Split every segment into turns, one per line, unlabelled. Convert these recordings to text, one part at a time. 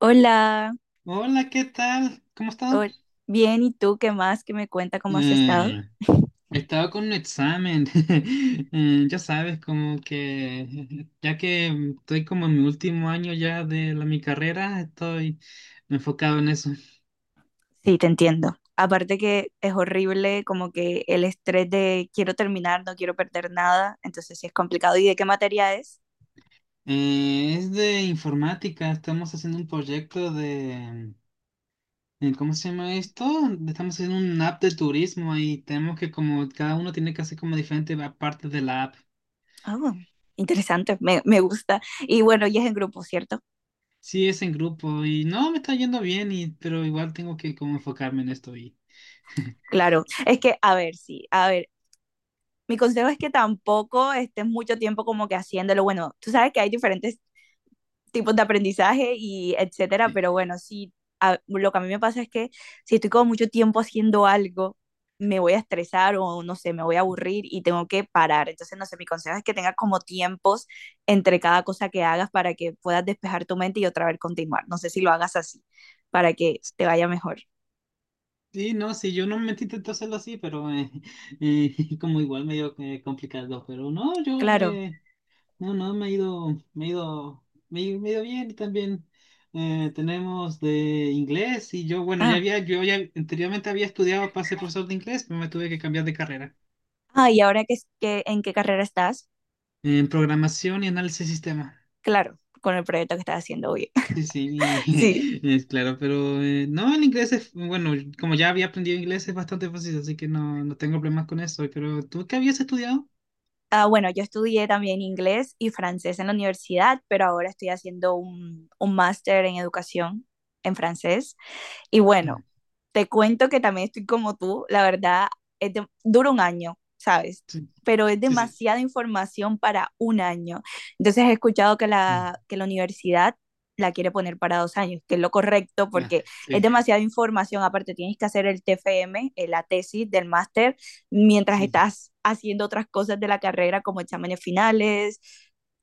Hola,
Hola, ¿qué tal? ¿Cómo has estado?
hol- bien, ¿y tú qué más? ¿Qué me cuenta cómo has estado?
Em, He estado con un examen. Ya sabes, como que ya que estoy como en mi último año ya de mi carrera, estoy enfocado en eso.
Sí, te entiendo. Aparte que es horrible como que el estrés de quiero terminar, no quiero perder nada, entonces sí es complicado. ¿Y de qué materia es?
Es de informática, estamos haciendo un proyecto de. ¿Cómo se llama esto? Estamos haciendo un app de turismo y tenemos que como cada uno tiene que hacer como diferentes partes de la app.
Oh, interesante, me gusta. Y bueno, y es en grupo, ¿cierto?
Sí, es en grupo y no, me está yendo bien, y, pero igual tengo que como enfocarme en esto y
Claro, es que, a ver, sí, a ver, mi consejo es que tampoco estés mucho tiempo como que haciéndolo. Bueno, tú sabes que hay diferentes tipos de aprendizaje y etcétera,
sí.
pero bueno, sí, lo que a mí me pasa es que si estoy como mucho tiempo haciendo algo, me voy a estresar o no sé, me voy a aburrir y tengo que parar. Entonces, no sé, mi consejo es que tengas como tiempos entre cada cosa que hagas para que puedas despejar tu mente y otra vez continuar. No sé si lo hagas así, para que te vaya mejor.
Sí, no, sí, yo no me intento hacerlo así, pero como igual medio complicado, pero no,
Claro.
no, no, me ha ido bien y también tenemos de inglés y yo, bueno,
Ah,
yo ya anteriormente había estudiado para ser profesor de inglés, pero me tuve que cambiar de carrera
ah, y ahora que, que en qué carrera estás,
en programación y análisis de sistemas.
claro, con el proyecto que estás haciendo hoy.
Sí, sí,
Sí.
es claro, pero no, el inglés bueno, como ya había aprendido inglés es bastante fácil, así que no, no tengo problemas con eso. Pero ¿tú qué habías estudiado?
Ah, bueno, yo estudié también inglés y francés en la universidad, pero ahora estoy haciendo un máster en educación en francés. Y
Ah,
bueno, te cuento que también estoy como tú, la verdad, es dura un año, ¿sabes?
sí,
Pero es
sí, sí.
demasiada información para un año. Entonces he escuchado que
Mm.
que la universidad la quiere poner para 2 años, que es lo correcto
Ah,
porque es
sí,
demasiada información. Aparte, tienes que hacer el TFM, la tesis del máster, mientras
sí.
estás haciendo otras cosas de la carrera como exámenes finales,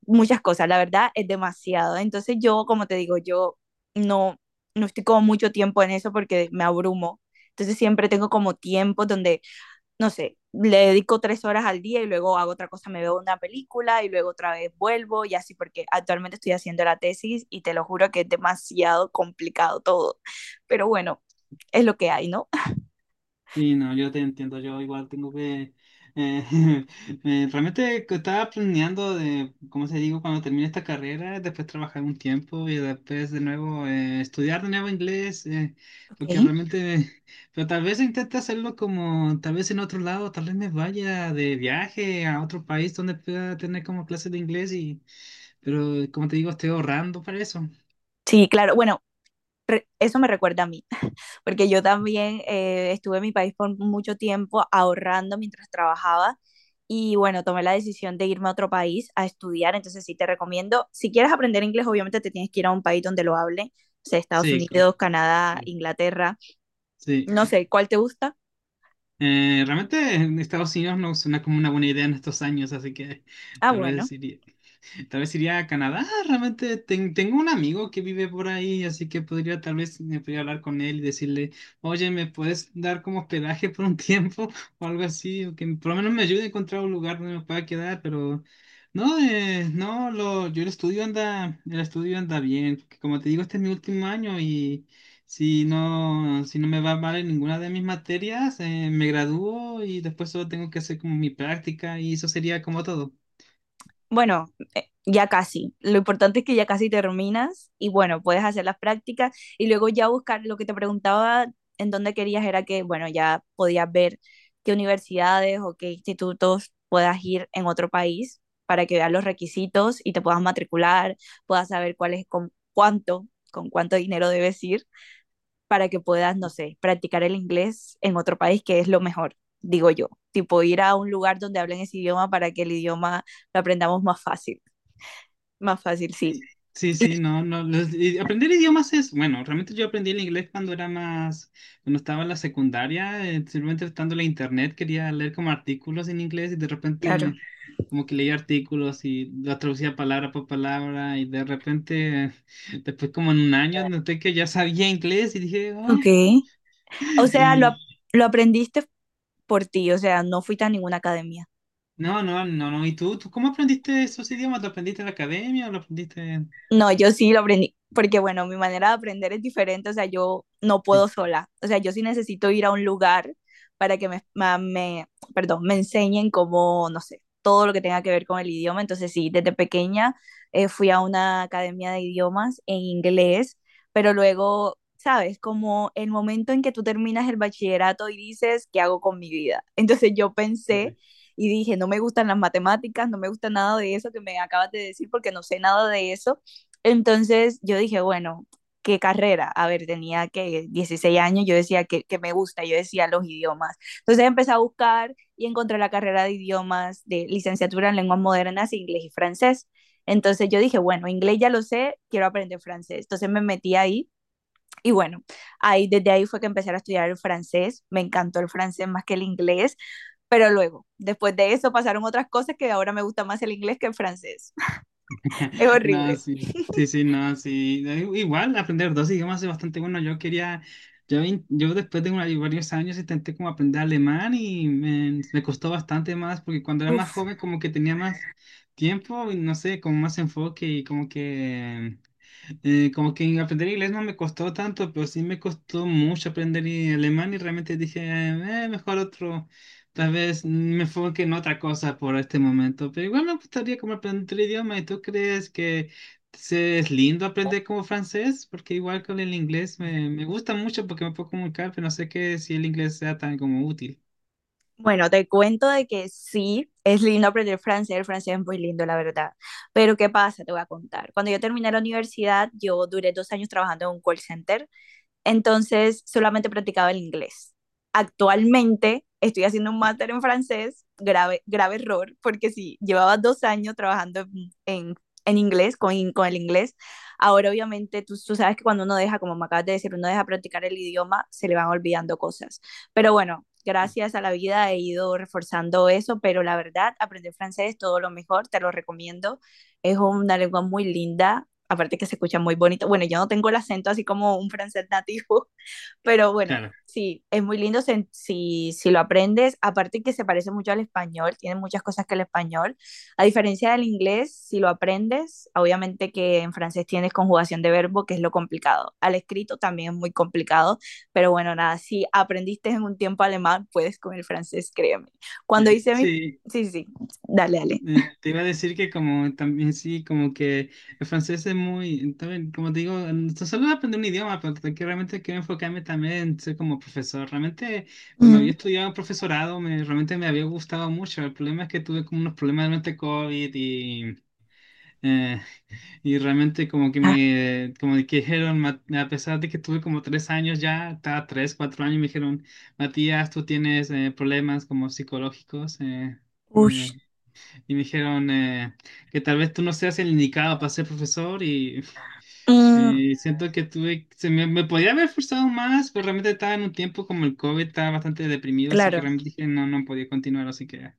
muchas cosas. La verdad, es demasiado. Entonces yo, como te digo, yo... No, no estoy como mucho tiempo en eso porque me abrumo. Entonces siempre tengo como tiempos donde, no sé, le dedico 3 horas al día y luego hago otra cosa, me veo una película y luego otra vez vuelvo y así porque actualmente estoy haciendo la tesis y te lo juro que es demasiado complicado todo. Pero bueno, es lo que hay, ¿no?
Sí, no, yo te entiendo, yo igual tengo que... eh, realmente que estaba planeando ¿cómo se digo? Cuando termine esta carrera, después trabajar un tiempo y después de nuevo estudiar de nuevo inglés,
Ok.
porque realmente, pero tal vez intente hacerlo como, tal vez en otro lado, tal vez me vaya de viaje a otro país donde pueda tener como clases de inglés y, pero como te digo, estoy ahorrando para eso.
Sí, claro. Bueno, eso me recuerda a mí, porque yo también estuve en mi país por mucho tiempo ahorrando mientras trabajaba y bueno, tomé la decisión de irme a otro país a estudiar, entonces sí te recomiendo, si quieres aprender inglés, obviamente te tienes que ir a un país donde lo hable, o sea, Estados
Sí,
Unidos, Canadá,
sí,
Inglaterra,
sí.
no sé, ¿cuál te gusta?
Realmente en Estados Unidos no suena como una buena idea en estos años, así que
Ah,
tal vez
bueno.
iría. Tal vez iría a Canadá. Realmente tengo un amigo que vive por ahí, así que podría tal vez me podría hablar con él y decirle, oye, ¿me puedes dar como hospedaje por un tiempo o algo así? O que por lo menos me ayude a encontrar un lugar donde me pueda quedar, pero no, yo el estudio anda bien. Porque Como te digo, este es mi último año y si no, si no me va mal en ninguna de mis materias, me gradúo y después solo tengo que hacer como mi práctica y eso sería como todo.
Bueno, ya casi. Lo importante es que ya casi terminas y bueno, puedes hacer las prácticas y luego ya buscar lo que te preguntaba en dónde querías era que, bueno, ya podías ver qué universidades o qué institutos puedas ir en otro país para que veas los requisitos y te puedas matricular, puedas saber cuál es con cuánto dinero debes ir para que puedas, no sé, practicar el inglés en otro país que es lo mejor, digo yo. Tipo ir a un lugar donde hablen ese idioma para que el idioma lo aprendamos más fácil. Más fácil, sí,
Sí, sí, sí, no, no. Y aprender idiomas es, bueno, realmente yo aprendí el inglés cuando estaba en la secundaria, simplemente estando en la internet, quería leer como artículos en inglés y de
claro.
repente como que leía artículos y la traducía palabra por palabra y de repente, después como en un año, noté que ya sabía inglés y dije,
Ok.
oh,
O sea,
y
lo aprendiste por ti, o sea, no fuiste a ninguna academia.
no, no, no, no. ¿Y tú cómo aprendiste esos idiomas? ¿Lo aprendiste en la academia o lo aprendiste?
No, yo sí lo aprendí, porque bueno, mi manera de aprender es diferente, o sea, yo no puedo
Sí.
sola, o sea, yo sí necesito ir a un lugar para que perdón, me enseñen cómo, no sé, todo lo que tenga que ver con el idioma, entonces sí, desde pequeña fui a una academia de idiomas en inglés, pero luego, ¿sabes? Como el momento en que tú terminas el bachillerato y dices, ¿qué hago con mi vida? Entonces yo pensé
Sí.
y dije, no me gustan las matemáticas, no me gusta nada de eso que me acabas de decir porque no sé nada de eso entonces yo dije, bueno, ¿qué carrera? A ver, tenía que 16 años, yo decía me gusta, yo decía los idiomas. Entonces empecé a buscar y encontré la carrera de idiomas de licenciatura en lenguas modernas, inglés y francés. Entonces yo dije, bueno, inglés ya lo sé, quiero aprender francés. Entonces me metí ahí y bueno, ahí desde ahí fue que empecé a estudiar el francés. Me encantó el francés más que el inglés, pero luego, después de eso pasaron otras cosas que ahora me gusta más el inglés que el francés. Es
No,
horrible.
sí, sí, sí, no, sí. Igual aprender dos idiomas es bastante bueno. Yo después de varios años intenté como aprender alemán y me costó bastante más porque cuando era más
Uf.
joven como que tenía más tiempo y no sé, como más enfoque y como que aprender inglés no me costó tanto, pero sí me costó mucho aprender alemán y realmente dije, mejor otro, tal vez me enfoque en otra cosa por este momento, pero igual me gustaría como aprender el idioma y tú crees que es lindo aprender como francés, porque igual con el inglés me gusta mucho porque me puedo comunicar, pero no sé qué si el inglés sea tan como útil.
Bueno, te cuento de que sí, es lindo aprender francés, el francés es muy lindo, la verdad. Pero ¿qué pasa? Te voy a contar. Cuando yo terminé la universidad, yo duré 2 años trabajando en un call center entonces, solamente practicaba el inglés. Actualmente estoy haciendo un máster en francés, grave, grave error, porque si sí, llevaba 2 años trabajando en, en inglés, con el inglés, ahora obviamente tú sabes que cuando uno deja, como me acabas de decir, uno deja practicar el idioma, se le van olvidando cosas. Pero bueno, gracias a la vida he ido reforzando eso, pero la verdad, aprender francés es todo lo mejor, te lo recomiendo. Es una lengua muy linda, aparte que se escucha muy bonito. Bueno, yo no tengo el acento así como un francés nativo, pero bueno,
Claro.
sí, es muy lindo si, si, si lo aprendes. Aparte que se parece mucho al español, tiene muchas cosas que el español. A diferencia del inglés, si lo aprendes, obviamente que en francés tienes conjugación de verbo, que es lo complicado. Al escrito también es muy complicado, pero bueno, nada, si aprendiste en un tiempo alemán, puedes con el francés, créeme. Cuando
Sí,
hice mi...
sí,
Sí, sí, sí, dale, dale.
Te iba a decir que como también sí, como que el francés es muy, también, como te digo, solo aprender un idioma, pero que realmente quiero enfocarme también en ser como profesor. Realmente cuando
Mm.
había estudiado profesorado, realmente me había gustado mucho. El problema es que tuve como unos problemas durante COVID eh, y realmente como que
Ah,
como que dijeron, a pesar de que tuve como tres años ya, estaba tres, cuatro años, me dijeron, Matías, tú tienes problemas como psicológicos.
uy.
Eh, y me dijeron que tal vez tú no seas el indicado para ser profesor y,
Mm,
y siento que me podía haber esforzado más, pero realmente estaba en un tiempo como el COVID, estaba bastante deprimido, así que
claro,
realmente dije no, no podía continuar, así que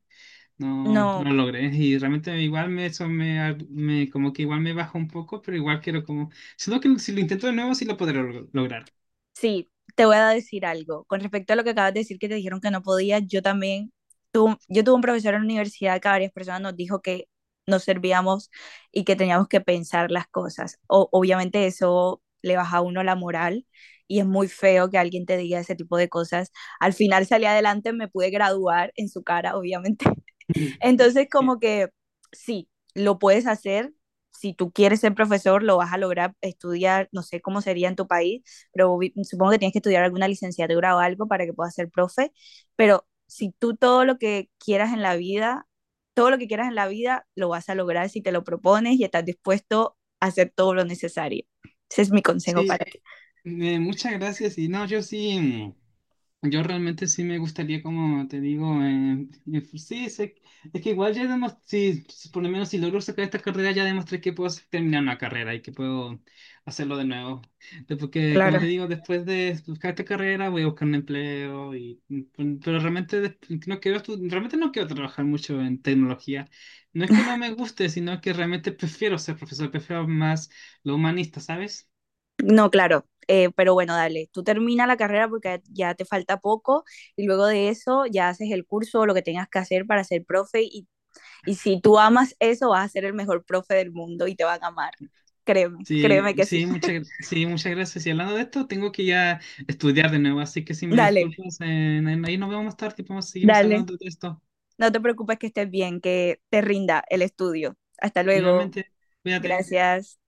no, no
no.
lo logré. Y realmente igual eso me, ar- me- como que igual me bajó un poco, pero igual quiero como, siento que si lo intento de nuevo sí lo podré lograr.
Sí, te voy a decir algo. Con respecto a lo que acabas de decir, que te dijeron que no podías, yo también, yo tuve un profesor en la universidad que a varias personas nos dijo que nos servíamos y que teníamos que pensar las cosas. Obviamente eso le baja a uno la moral y es muy feo que alguien te diga ese tipo de cosas. Al final salí adelante, me pude graduar en su cara, obviamente. Entonces,
Eh,
como que sí, lo puedes hacer. Si tú quieres ser profesor, lo vas a lograr estudiar, no sé cómo sería en tu país, pero supongo que tienes que estudiar alguna licenciatura o algo para que puedas ser profe. Pero si tú todo lo que quieras en la vida, todo lo que quieras en la vida, lo vas a lograr si te lo propones y estás dispuesto a hacer todo lo necesario. Ese es mi consejo
Sí,
para ti.
muchas gracias y no, yo sí. Yo realmente sí me gustaría, como te digo, pues sí, es que igual ya demostré, si por lo menos si logro sacar esta carrera, ya demostré que puedo terminar una carrera y que puedo hacerlo de nuevo. Porque, como te
Claro.
digo, después de buscar esta carrera voy a buscar un empleo, y, pues, pero realmente no quiero, realmente no quiero trabajar mucho en tecnología. No es que no me guste, sino que realmente prefiero ser profesor, prefiero más lo humanista, ¿sabes?
No, claro. Eh, pero bueno, dale, tú termina la carrera porque ya te falta poco y luego de eso ya haces el curso o lo que tengas que hacer para ser profe y si tú amas eso vas a ser el mejor profe del mundo y te van a amar. Créeme,
Sí,
créeme que sí.
sí, sí, muchas gracias. Y hablando de esto, tengo que ya estudiar de nuevo, así que si me
Dale,
disculpas, ahí nos vemos más tarde y seguimos
dale.
hablando de esto.
No te preocupes que estés bien, que te rinda el estudio. Hasta luego.
Igualmente, cuídate.
Gracias.